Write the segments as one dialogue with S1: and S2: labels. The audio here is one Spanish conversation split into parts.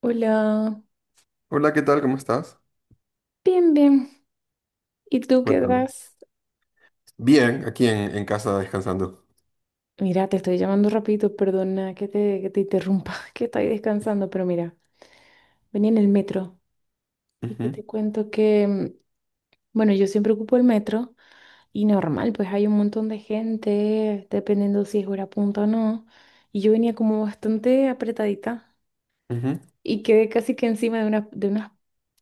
S1: Hola,
S2: Hola, ¿qué tal? ¿Cómo estás?
S1: bien, bien. ¿Y tú qué
S2: Cuéntame.
S1: das?
S2: Bien, aquí en casa descansando.
S1: Mira, te estoy llamando rapidito, perdona que te interrumpa, que estoy descansando, pero mira, venía en el metro y que
S2: Ujú,
S1: te cuento que, bueno, yo siempre ocupo el metro y normal, pues hay un montón de gente, dependiendo si es hora punta o no, y yo venía como bastante apretadita
S2: ujú,
S1: y quedé casi que encima de unas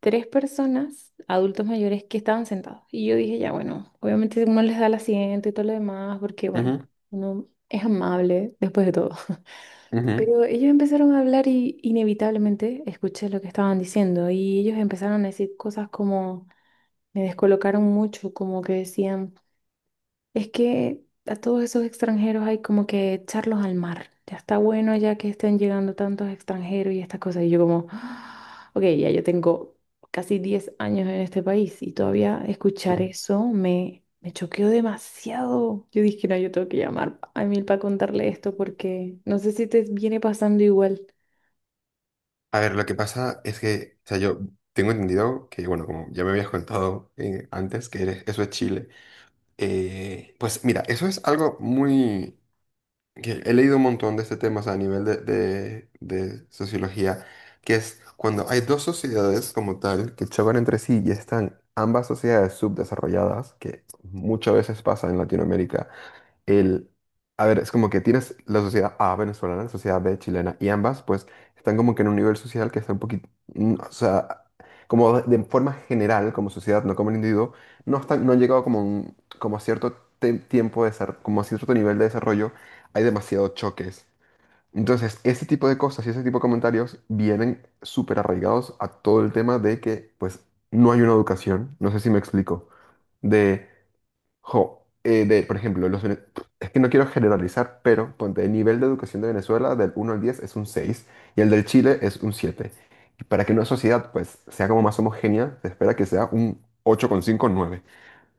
S1: tres personas, adultos mayores, que estaban sentados. Y yo dije, ya, bueno, obviamente uno les da el asiento y todo lo demás, porque bueno,
S2: ujú,
S1: uno es amable después de todo.
S2: ujú,
S1: Pero ellos empezaron a hablar y inevitablemente escuché lo que estaban diciendo y ellos empezaron a decir cosas como, me descolocaron mucho, como que decían... Es que a todos esos extranjeros hay como que echarlos al mar. Ya está bueno ya que estén llegando tantos extranjeros y estas cosas. Y yo como, "Ah, ok, ya yo tengo casi 10 años en este país y todavía escuchar
S2: ujú.
S1: eso me choqueó demasiado. Yo dije, no, yo tengo que llamar a Emil para contarle esto porque no sé si te viene pasando igual.
S2: A ver, lo que pasa es que, o sea, yo tengo entendido que, bueno, como ya me habías contado antes, que eso es Chile. Pues mira, eso es algo muy, que he leído un montón de este tema, o sea, a nivel de sociología, que es cuando hay dos sociedades como tal que chocan entre sí y están ambas sociedades subdesarrolladas, que muchas veces pasa en Latinoamérica el, a ver, es como que tienes la sociedad A venezolana, la sociedad B chilena, y ambas pues están como que en un nivel social que está un poquito, o sea, como de forma general, como sociedad, no como el individuo, no están, no han llegado como, un, como a cierto tiempo de como a cierto nivel de desarrollo, hay demasiados choques. Entonces, ese tipo de cosas y ese tipo de comentarios vienen súper arraigados a todo el tema de que, pues, no hay una educación, no sé si me explico, de Jo, de, por ejemplo, es que no quiero generalizar, pero ponte, el nivel de educación de Venezuela del 1 al 10 es un 6 y el del Chile es un 7. Y para que una sociedad pues sea como más homogénea, se espera que sea un 8,5 cinco nueve.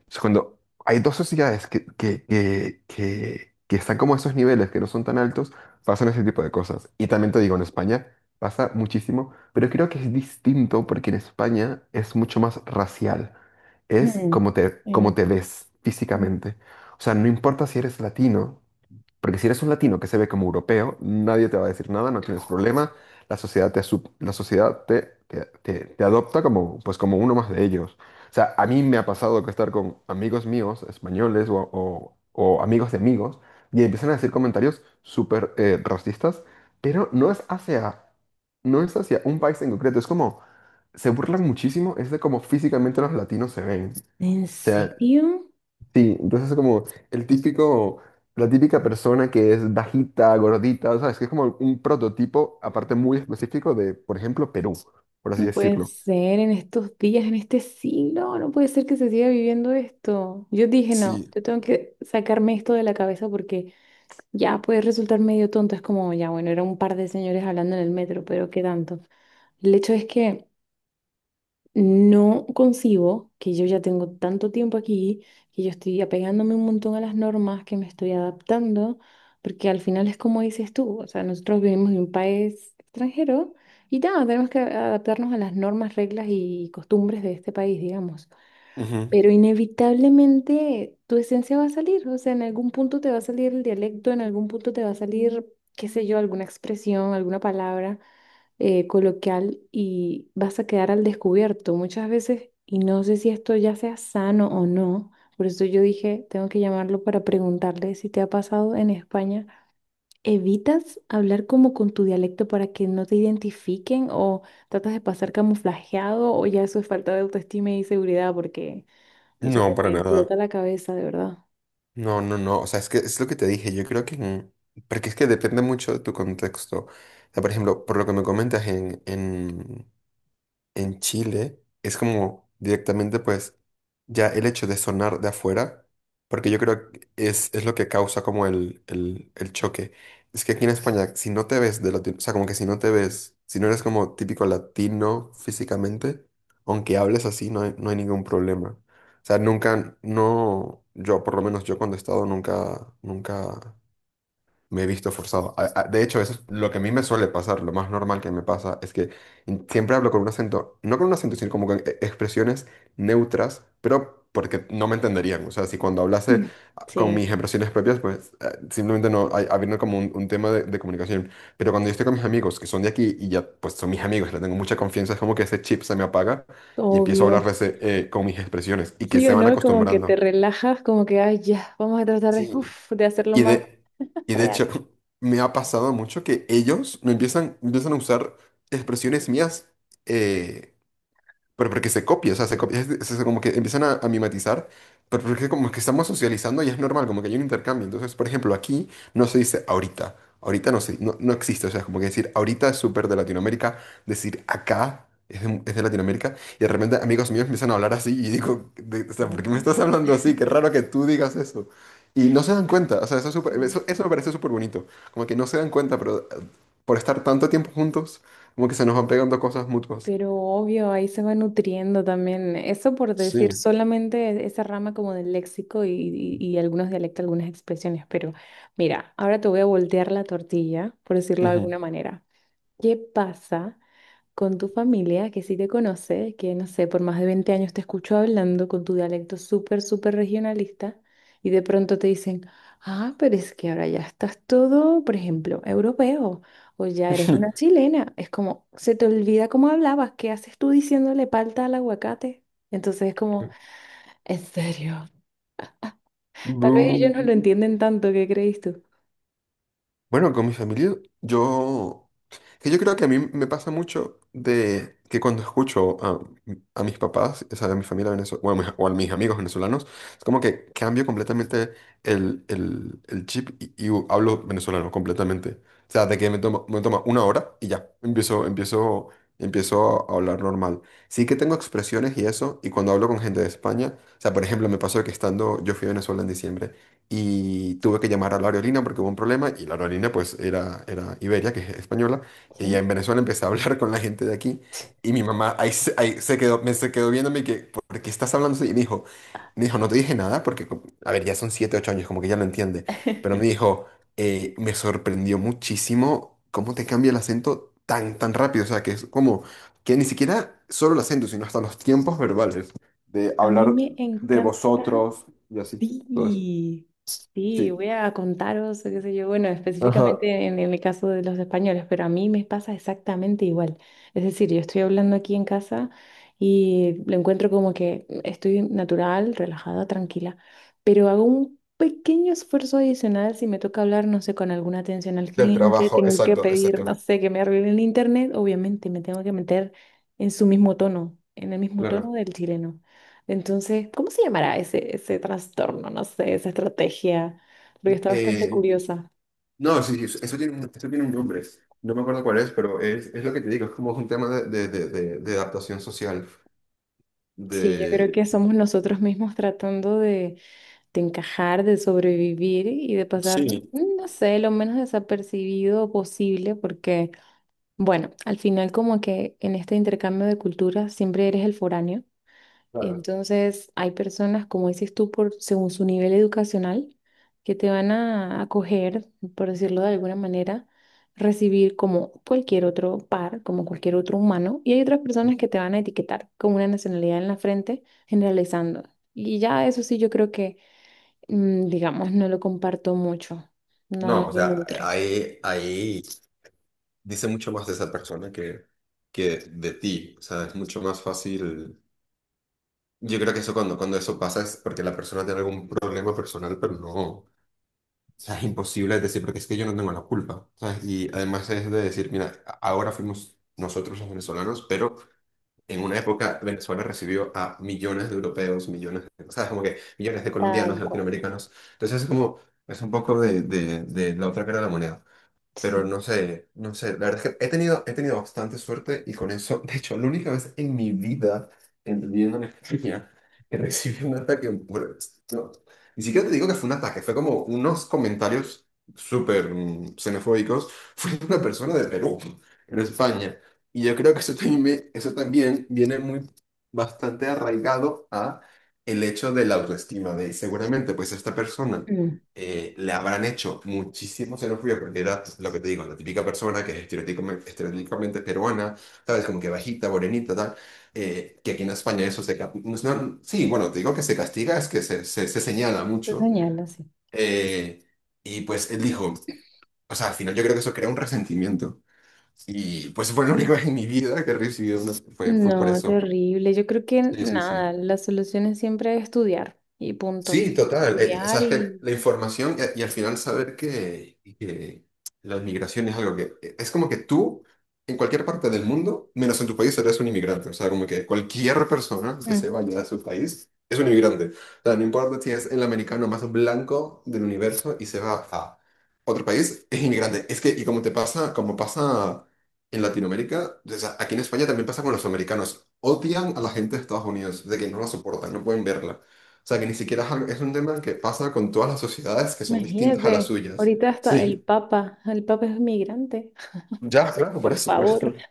S2: Entonces, cuando hay dos sociedades que están como a esos niveles, que no son tan altos, pasan ese tipo de cosas. Y también te digo, en España pasa muchísimo, pero creo que es distinto porque en España es mucho más racial. Es
S1: Hmm.
S2: como te, como
S1: Eh,
S2: te ves
S1: eh,
S2: físicamente. O sea, no importa si eres latino. Porque si eres un latino que se ve como europeo, nadie te va a decir nada, no tienes problema, la sociedad te adopta como, pues como uno más de ellos. O sea, a mí me ha pasado que estar con amigos míos, españoles o amigos de amigos, y empiezan a decir comentarios súper racistas, pero no es hacia un país en concreto, es como, se burlan muchísimo, es de cómo físicamente los latinos se
S1: ¿En
S2: ven.
S1: serio?
S2: Sí, entonces es como el típico, la típica persona que es bajita, gordita, ¿sabes? Que es como un prototipo, aparte muy específico de, por ejemplo, Perú, por así
S1: No puede
S2: decirlo.
S1: ser en estos días, en este siglo, no puede ser que se siga viviendo esto. Yo dije, no,
S2: Sí.
S1: yo tengo que sacarme esto de la cabeza porque ya puede resultar medio tonto. Es como, ya, bueno, era un par de señores hablando en el metro, pero qué tanto. El hecho es que no concibo que yo ya tengo tanto tiempo aquí, que yo estoy apegándome un montón a las normas, que me estoy adaptando, porque al final es como dices tú, o sea, nosotros vivimos en un país extranjero y ya, tenemos que adaptarnos a las normas, reglas y costumbres de este país, digamos.
S2: Ujú.
S1: Pero inevitablemente tu esencia va a salir, o sea, en algún punto te va a salir el dialecto, en algún punto te va a salir, qué sé yo, alguna expresión, alguna palabra coloquial y vas a quedar al descubierto muchas veces y no sé si esto ya sea sano o no. Por eso yo dije, tengo que llamarlo para preguntarle si te ha pasado en España. ¿Evitas hablar como con tu dialecto para que no te identifiquen o tratas de pasar camuflajeado o ya eso es falta de autoestima y seguridad porque, o sea,
S2: No,
S1: que
S2: para
S1: me
S2: nada.
S1: explota la cabeza, de verdad.
S2: No, no, no. O sea, es que es lo que te dije. Yo creo que. Porque es que depende mucho de tu contexto. O sea, por ejemplo, por lo que me comentas en Chile es como directamente pues ya el hecho de sonar de afuera, porque yo creo que es lo que causa como el choque. Es que aquí en España, si no te ves de latino, o sea, como que si no te ves, si no eres como típico latino físicamente, aunque hables así, no hay ningún problema. O sea, nunca, no, yo, por lo menos yo cuando he estado, nunca, nunca me he visto forzado. De hecho, eso es lo que a mí me suele pasar, lo más normal que me pasa es que siempre hablo con un acento, no con un acento, sino como con expresiones neutras, pero porque no me entenderían. O sea, si cuando hablase con mis
S1: Sí,
S2: expresiones propias, pues simplemente no, hay, habiendo como un tema de comunicación. Pero cuando yo estoy con mis amigos, que son de aquí y ya, pues son mis amigos, les tengo mucha confianza, es como que ese chip se me apaga y empiezo a
S1: obvio.
S2: hablarles con mis expresiones y que
S1: Sí
S2: se
S1: o
S2: van
S1: no, como que te
S2: acostumbrando.
S1: relajas, como que, ay, ya, vamos a tratar de,
S2: Sí,
S1: uf, de hacerlo
S2: y
S1: más
S2: de, y de
S1: real.
S2: hecho, me ha pasado mucho que ellos me empiezan a usar expresiones mías, eh, pero porque se copia, o sea, se copia, es como que empiezan a mimetizar, pero porque como que estamos socializando y es normal, como que hay un intercambio. Entonces, por ejemplo, aquí no se dice ahorita, ahorita no, se, no, no existe, o sea, es como que decir ahorita es súper de Latinoamérica, decir acá es de Latinoamérica, y de repente amigos míos empiezan a hablar así y digo, o sea, ¿por qué me
S1: Mm,
S2: estás hablando así? Qué raro que tú digas eso. Y no se dan cuenta, o sea, eso, es súper-
S1: sí.
S2: eso, eso me parece súper bonito, como que no se dan cuenta, pero por estar tanto tiempo juntos, como que se nos van pegando cosas mutuas.
S1: Pero obvio, ahí se va nutriendo también. Eso por decir
S2: Sí.
S1: solamente esa rama como del léxico y algunos dialectos, algunas expresiones. Pero mira, ahora te voy a voltear la tortilla, por decirlo de
S2: Ujú.
S1: alguna manera. ¿Qué pasa con tu familia, que sí te conoce, que no sé, por más de 20 años te escucho hablando con tu dialecto súper, súper regionalista, y de pronto te dicen, ah, pero es que ahora ya estás todo, por ejemplo, europeo, o ya eres una chilena? Es como, se te olvida cómo hablabas, ¿qué haces tú diciéndole palta al aguacate? Entonces es como, en serio. Tal vez ellos no lo
S2: Bu-
S1: entienden tanto, ¿qué crees tú?
S2: Bueno, con mi familia, yo Que yo creo que a mí me pasa mucho de que cuando escucho a mis papás, o sea, a mi familia venezolana, o a mis amigos venezolanos, es como que cambio completamente el chip y, y hablo venezolano completamente. O sea, de que me toma una hora y ya, empiezo a hablar normal. Sí que tengo expresiones y eso, y cuando hablo con gente de España, o sea, por ejemplo, me pasó que estando, yo fui a Venezuela en diciembre y tuve que llamar a la aerolínea porque hubo un problema y la aerolínea pues era Iberia, que es española. Y ya
S1: Sí.
S2: en Venezuela empecé a hablar con la gente de aquí y mi mamá ahí se quedó, me se quedó viéndome que, ¿por qué estás hablando así? Y me dijo, no te dije nada porque, a ver, ya son 7, 8 años, como que ya lo entiende, pero me dijo, me sorprendió muchísimo cómo te cambia el acento tan, tan rápido, o sea, que es como que ni siquiera solo el acento, sino hasta los tiempos verbales, de
S1: A mí
S2: hablar
S1: me
S2: de
S1: encanta.
S2: vosotros y así, todo eso.
S1: Sí, sí,
S2: Sí.
S1: voy a contaros, qué sé yo, bueno,
S2: Ajá.
S1: específicamente en el caso de los españoles, pero a mí me pasa exactamente igual. Es decir, yo estoy hablando aquí en casa y lo encuentro como que estoy natural, relajada, tranquila, pero hago un pequeño esfuerzo adicional si me toca hablar, no sé, con alguna atención al
S2: Del
S1: cliente,
S2: trabajo,
S1: tengo que
S2: exacto,
S1: pedir, no
S2: exacto.
S1: sé, que me arreglen el internet, obviamente me tengo que meter en su mismo tono, en el mismo tono
S2: Claro.
S1: del chileno. Entonces, ¿cómo se llamará ese, ese trastorno? No sé, esa estrategia, porque está bastante curiosa.
S2: No, sí, sí, eso tiene un nombre. No me acuerdo cuál es, pero es lo que te digo, es como un tema de adaptación social.
S1: Sí, yo creo
S2: De...
S1: que somos nosotros mismos tratando de encajar, de sobrevivir y de pasar,
S2: Sí,
S1: no sé, lo menos desapercibido posible, porque, bueno, al final como que en este intercambio de culturas siempre eres el foráneo.
S2: claro.
S1: Entonces, hay personas, como dices tú, por, según su nivel educacional, que te van a acoger, por decirlo de alguna manera, recibir como cualquier otro par, como cualquier otro humano, y hay otras personas que te van a etiquetar con una nacionalidad en la frente, generalizando. Y ya eso sí, yo creo que, digamos, no lo comparto mucho, no
S2: No, o
S1: lo
S2: sea,
S1: nutre.
S2: ahí dice mucho más de esa persona que de ti. O sea, es mucho más fácil. Yo creo que eso cuando eso pasa es porque la persona tiene algún problema personal, pero no. O sea, es imposible decir, porque es que yo no tengo la culpa. ¿Sabes? Y además es de decir, mira, ahora fuimos nosotros los venezolanos, pero. En una época, Venezuela recibió a millones de europeos, millones de, o sea, como que millones de colombianos,
S1: Tal
S2: de
S1: cual.
S2: latinoamericanos. Entonces, es como, es un poco de la otra cara de la moneda. Pero
S1: Sí.
S2: no sé, no sé, la verdad es que he tenido bastante suerte y con eso, de hecho, la única vez en mi vida, en viviendo en España, que recibí un ataque por esto. Ni siquiera te digo que fue un ataque, fue como unos comentarios súper xenofóbicos. Fue de una persona de Perú, en España. Y yo creo que eso también viene muy bastante arraigado a el hecho de la autoestima, de seguramente pues esta persona
S1: Mm.
S2: le habrán hecho muchísimo xenofobia, porque era lo que te digo, la típica persona que es estereotípicamente peruana, ¿sabes? Como que bajita, morenita, tal. Que aquí en España eso se... ca- no no- sí, bueno, te digo que se castiga, es que se señala
S1: Lo
S2: mucho.
S1: señalo, sí.
S2: eh, y pues él dijo, o sea, al final yo creo que eso crea un resentimiento. Y pues fue lo único en mi vida que he recibido, fue por
S1: No,
S2: eso.
S1: terrible. Yo creo que
S2: Sí, sí, sí.
S1: nada, la solución es siempre estudiar y punto.
S2: Sí, total. O
S1: Estudiar
S2: sea, es que
S1: y...
S2: la información, y, al final saber que, la inmigración es algo que, es como que tú, en cualquier parte del mundo, menos en tu país, eres un inmigrante. O sea, como que cualquier persona que se
S1: Mm.
S2: vaya a su país es un inmigrante. O sea, no importa si es el americano más blanco del universo y se va a otro país, es inmigrante. Es que, y como te pasa, como pasa en Latinoamérica, o sea, aquí en España también pasa con los americanos. Odian a la gente de Estados Unidos, de que no la soportan, no pueden verla. O sea, que ni siquiera es un tema que pasa con todas las sociedades que son distintas a las
S1: Imagínate,
S2: suyas.
S1: ahorita hasta
S2: Sí,
S1: El Papa es migrante.
S2: ya, claro, por
S1: Por
S2: eso, por
S1: favor,
S2: eso,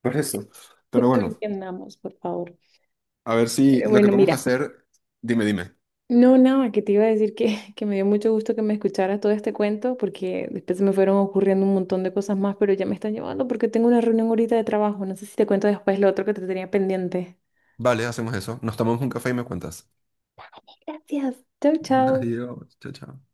S2: por eso.
S1: no
S2: Pero bueno,
S1: entendamos, por favor.
S2: a ver si
S1: Pero
S2: lo que
S1: bueno,
S2: podemos
S1: mira,
S2: hacer, dime, dime.
S1: no, nada, que te iba a decir que, que me dio mucho gusto que me escucharas todo este cuento porque después se me fueron ocurriendo un montón de cosas más, pero ya me están llevando porque tengo una reunión ahorita de trabajo. No sé si te cuento después lo otro que te tenía pendiente.
S2: Vale, hacemos eso. Nos tomamos un café y me cuentas.
S1: Gracias. Chau, chau.
S2: Adiós, chao, chao.